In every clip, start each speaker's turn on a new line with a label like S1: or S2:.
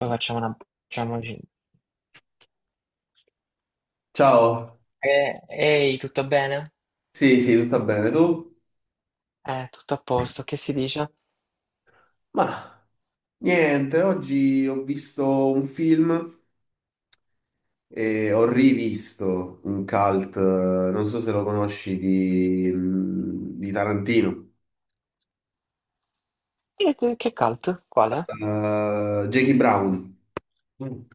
S1: Poi facciamo una... facciamoci...
S2: Ciao,
S1: Ehi, tutto bene?
S2: sì, sì, tutto bene, tu?
S1: Tutto a posto, che si dice?
S2: Ma Niente, oggi ho visto un film e ho rivisto un cult, non so se lo conosci, di Tarantino.
S1: Che cult? Quale?
S2: Jackie Brown. Mm.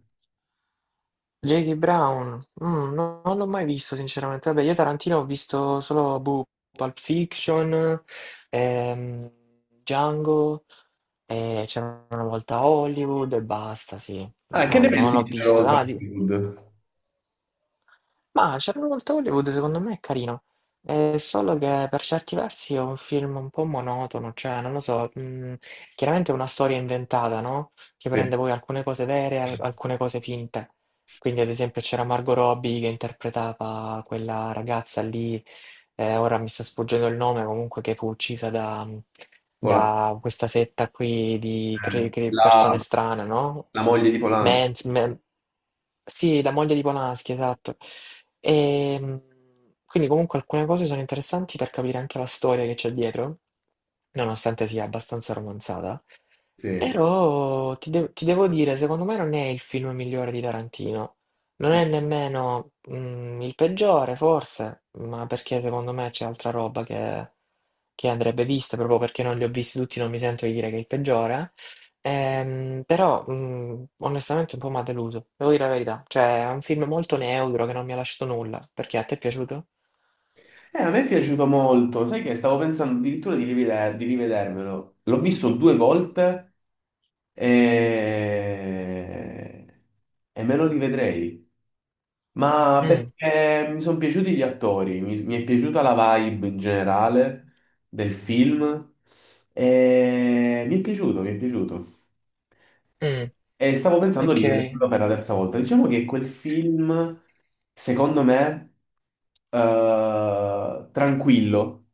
S1: Jackie Brown? Non l'ho mai visto, sinceramente. Vabbè, io Tarantino ho visto solo boh, Pulp Fiction, ehm, Django, c'era una volta Hollywood e basta, sì.
S2: Ah, che
S1: No,
S2: ne Eh pensi?
S1: non l'ho
S2: Sì, c'era
S1: visto.
S2: Volta
S1: Ah.
S2: Hollywood.
S1: Ma Charlotte Hollywood secondo me è carino, è solo che per certi versi è un film un po' monotono, cioè non lo so, chiaramente è una storia inventata, no? Che
S2: Sì.
S1: prende poi alcune cose vere e alcune cose finte. Quindi ad esempio c'era Margot Robbie che interpretava quella ragazza lì, ora mi sta sfuggendo il nome, comunque che fu uccisa da,
S2: Pola-
S1: da questa setta qui di
S2: eh,
S1: persone
S2: la,
S1: strane, no?
S2: la moglie di Polanski,
S1: Mans, men- sì, la moglie di Polanski, esatto. E, quindi comunque alcune cose sono interessanti per capire anche la storia che c'è dietro, nonostante sia abbastanza romanzata.
S2: sì.
S1: Però ti devo dire, secondo me non è il film migliore di Tarantino, non è nemmeno, il peggiore forse, ma perché secondo me c'è altra roba che andrebbe vista, proprio perché non li ho visti tutti, non mi sento di dire che è il peggiore. Però, onestamente un po' m'ha deluso, devo dire la verità. Cioè è un film molto neutro che non mi ha lasciato nulla. Perché, a te è piaciuto?
S2: A me è piaciuto molto, sai che stavo pensando addirittura di rivedermelo. L'ho visto due volte e... e me lo rivedrei. Ma
S1: Mh,
S2: perché mi sono piaciuti gli attori, mi è piaciuta la vibe in generale del film e mi è piaciuto.
S1: mh,
S2: E stavo pensando di
S1: okay.
S2: rivederlo per la terza volta. Diciamo che quel film, secondo me, tranquillo.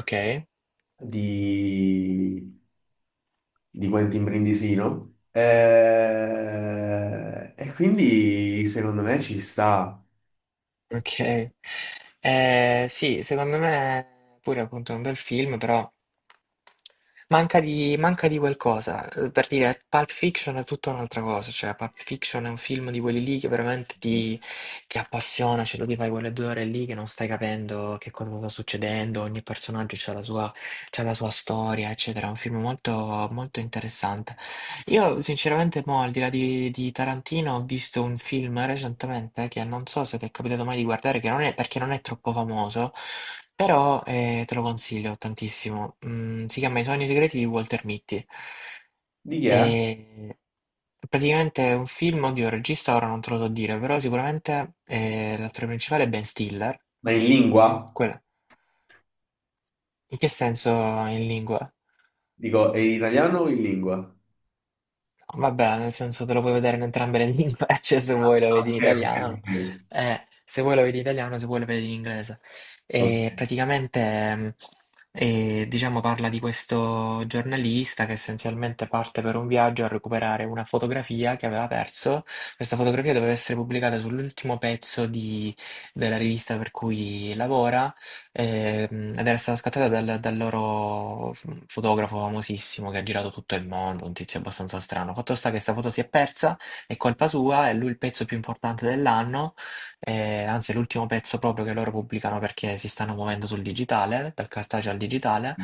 S1: Okay.
S2: di, di Quentin Brindisino. E quindi secondo me ci sta.
S1: Ok. Sì, secondo me pure appunto è un bel film, però manca di qualcosa. Per dire, Pulp Fiction è tutta un'altra cosa, cioè Pulp Fiction è un film di quelli lì che veramente ti appassiona, cioè tu ti fai quelle due ore lì che non stai capendo che cosa sta succedendo, ogni personaggio c'ha la sua storia, eccetera. È un film molto, molto interessante. Io sinceramente mo, al di là di Tarantino, ho visto un film recentemente che non so se ti è capitato mai di guardare, che non è, perché non è troppo famoso, però te lo consiglio tantissimo. Si chiama I sogni segreti di Walter Mitty.
S2: Di chi è?
S1: E praticamente è un film, oddio, il regista ora non te lo so dire, però sicuramente l'attore principale è Ben Stiller.
S2: Ma in lingua?
S1: Quello. In che senso in lingua?
S2: Dico, è in italiano o in lingua?
S1: Vabbè, nel senso te lo puoi vedere in entrambe le lingue, cioè se vuoi lo vedi in
S2: Ok,
S1: italiano,
S2: ok,
S1: se vuoi lo vedi in italiano, se vuoi lo vedi in inglese.
S2: ok, ok.
S1: E praticamente, diciamo, parla di questo giornalista che essenzialmente parte per un viaggio a recuperare una fotografia che aveva perso. Questa fotografia doveva essere pubblicata sull'ultimo pezzo della rivista per cui lavora. Ed era stata scattata dal, dal loro fotografo famosissimo che ha girato tutto il mondo, un tizio abbastanza strano. Fatto sta che sta foto si è persa, è colpa sua, è lui il pezzo più importante dell'anno, anzi è l'ultimo pezzo proprio che loro pubblicano perché si stanno muovendo sul digitale, dal cartaceo al digitale.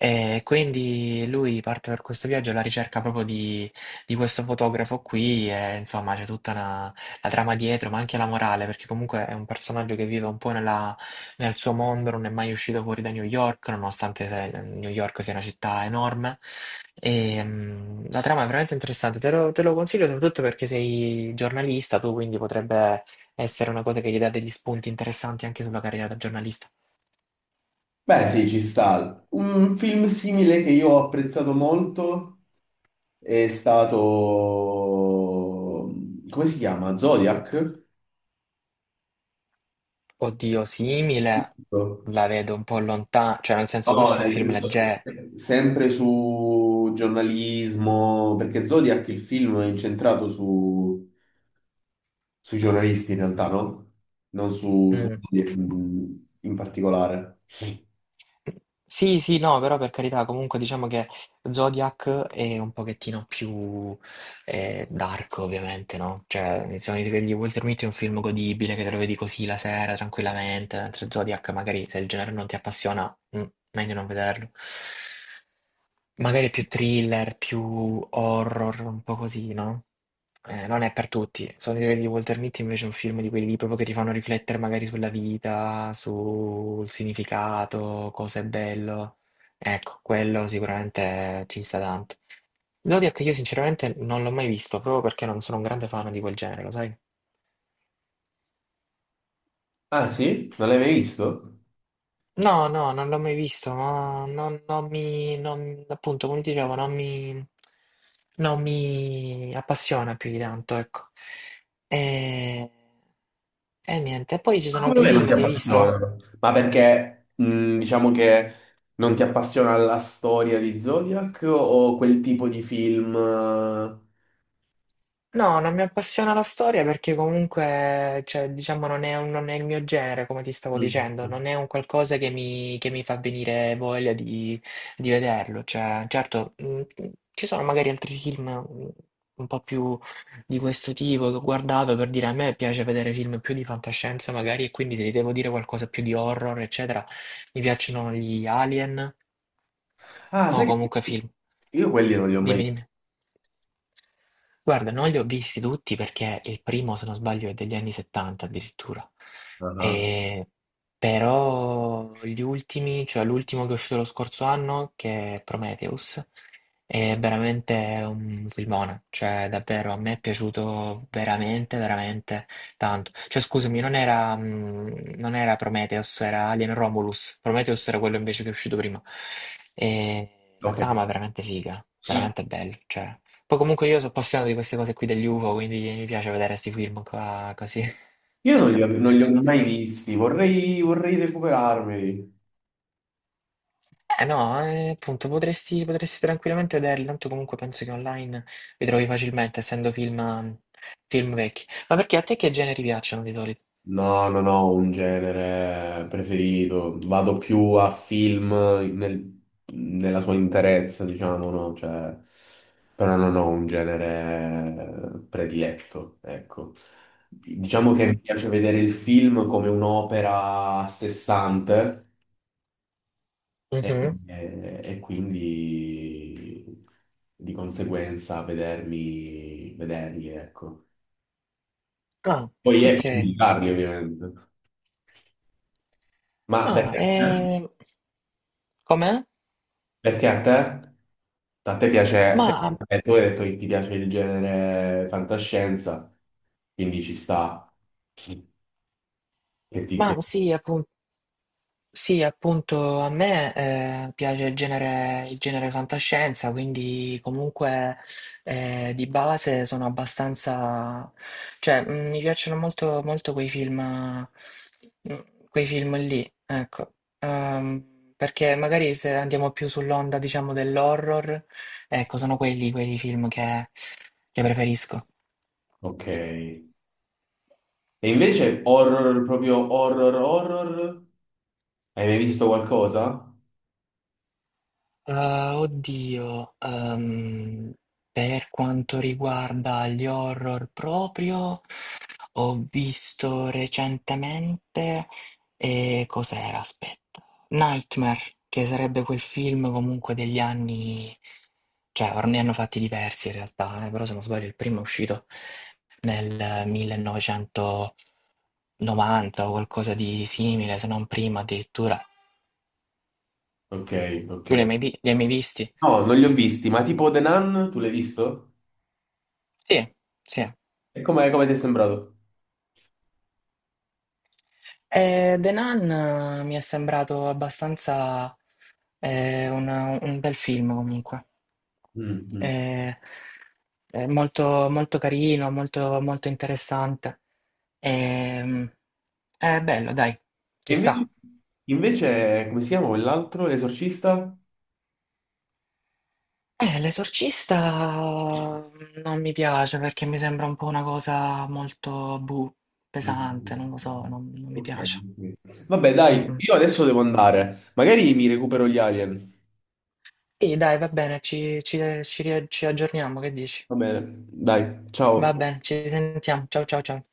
S1: E quindi lui parte per questo viaggio alla ricerca proprio di questo fotografo qui e insomma c'è tutta la trama dietro, ma anche la morale, perché comunque è un personaggio che vive un po' nel suo mondo, non è mai uscito fuori da New York, nonostante New York sia una città enorme. La trama è veramente interessante, te lo consiglio soprattutto perché sei giornalista, tu quindi potrebbe essere una cosa che gli dà degli spunti interessanti anche sulla carriera da giornalista.
S2: Beh, sì, ci sta. Un film simile che io ho apprezzato molto è stato... Come si chiama? Zodiac?
S1: Oddio, simile la vedo un po' lontana, cioè nel
S2: No,
S1: senso
S2: no,
S1: questo è un
S2: nel
S1: film
S2: senso,
S1: leggero.
S2: sempre su giornalismo, perché Zodiac il film è incentrato sui giornalisti in realtà, no? Non su, Su
S1: Mm.
S2: Zodiac in particolare.
S1: Sì, sì, no, però per carità, comunque diciamo che Zodiac è un pochettino più dark, ovviamente, no? Cioè, i sogni di Walter Mitty è un film godibile che te lo vedi così la sera, tranquillamente, mentre Zodiac magari se il genere non ti appassiona, meglio non vederlo. Magari più thriller, più horror, un po' così, no? Non è per tutti. Sono i libri di Walter Mitty invece è un film di quelli lì proprio che ti fanno riflettere magari sulla vita, sul significato, cosa è bello. Ecco, quello sicuramente ci sta tanto. Zodiac io sinceramente non l'ho mai visto, proprio perché non sono un grande fan di quel genere, lo sai?
S2: Ah sì? Non l'hai mai visto?
S1: No, no, non l'ho mai visto, ma non, non mi, non- appunto, come ti dicevo, non mi appassiona più di tanto, ecco. E, e niente, e poi ci
S2: Ma
S1: sono
S2: come
S1: altri
S2: mai non ti
S1: film che hai visto?
S2: appassiona? Ma perché diciamo che non ti appassiona la storia di Zodiac o quel tipo di film, eh?
S1: No, non mi appassiona la storia perché comunque, cioè, diciamo, non è, non è il mio genere, come ti stavo
S2: Mm.
S1: dicendo, non è un qualcosa che mi fa venire voglia di vederlo. Cioè, certo, ci sono magari altri film un po' più di questo tipo che ho guardato per dire a me piace vedere film più di fantascienza magari e quindi ti devo dire qualcosa più di horror, eccetera. Mi piacciono gli Alien
S2: Ah,
S1: o
S2: sai che
S1: comunque film.
S2: io quelli non li ho
S1: Dimmi,
S2: mai visti.
S1: dimmi. Guarda, non li ho visti tutti perché il primo, se non sbaglio, è degli anni 70 addirittura.
S2: Ah,
S1: E- Però gli ultimi, cioè l'ultimo che è uscito lo scorso anno, che è Prometheus, è veramente un filmone. Cioè, davvero, a me è piaciuto veramente, veramente tanto. Cioè, scusami, non era, non era Prometheus, era Alien Romulus. Prometheus era quello invece che è uscito prima. E la
S2: ok.
S1: trama è veramente figa, veramente bella, cioè. Poi comunque io sono appassionato di queste cose qui degli UFO, quindi mi piace vedere questi film qua così.
S2: Io non li ho mai visti, vorrei recuperarmeli.
S1: Eh no, appunto, potresti, potresti tranquillamente vederli, tanto comunque penso che online li trovi facilmente, essendo film, film vecchi. Ma perché a te che generi piacciono di solito?
S2: No, non ho un genere preferito, vado più a nella sua interezza, diciamo, no? Cioè, però non ho un genere prediletto, ecco. Diciamo che mi, mm,
S1: Mm.
S2: piace vedere il film come un'opera a sé stante e,
S1: Mhm.
S2: e quindi di conseguenza vederli, ecco.
S1: Ah,
S2: Poi è per
S1: ok.
S2: indicarli, ovviamente. Ma
S1: Ma,
S2: perché, a te?
S1: com'è?
S2: Perché a te? A te piace, te-
S1: Ma,
S2: tu hai detto che ti piace il genere fantascienza, quindi ci sta. Che ti,
S1: ma
S2: che-
S1: sì, appunto. Sì, appunto, a me piace il genere fantascienza, quindi comunque di base sono abbastanza... cioè, mi piacciono molto, molto quei film, mm, quei film lì, ecco. Perché magari se andiamo più sull'onda, diciamo, dell'horror, ecco, sono quelli film che preferisco.
S2: Ok. E invece horror, proprio horror, horror? Hai mai visto qualcosa?
S1: Ah, oddio, per quanto riguarda gli horror proprio, ho visto recentemente, e cos'era? Aspetta, Nightmare, che sarebbe quel film comunque degli anni, cioè ne hanno fatti diversi in realtà, però se non sbaglio il primo è uscito nel 1990 o qualcosa di simile, se non prima addirittura.
S2: Ok, ok.
S1: Tu li hai mai visti?
S2: No, non li ho visti, ma tipo The Nun, tu l'hai visto?
S1: Sì, sì.
S2: E com'è, come ti è sembrato?
S1: The Nun mi è sembrato abbastanza eh, un, un bel film comunque.
S2: Mm, mm.
S1: Eh, è molto, molto carino, molto, molto interessante. Ehm, è bello, dai,
S2: E
S1: ci sta.
S2: invece, invece, come si chiama quell'altro? L'esorcista?
S1: L'esorcista non mi piace perché mi sembra un po' una cosa molto buh, pesante,
S2: Mm.
S1: non lo so, non, non mi
S2: Ok,
S1: piace.
S2: ok. Vabbè,
S1: Mm,
S2: dai,
S1: mm.
S2: io adesso devo andare. Magari mi recupero gli alien.
S1: Sì, dai, va bene, ci aggiorniamo, che dici?
S2: Va bene, dai, ciao.
S1: Va bene, ci sentiamo. Ciao ciao ciao.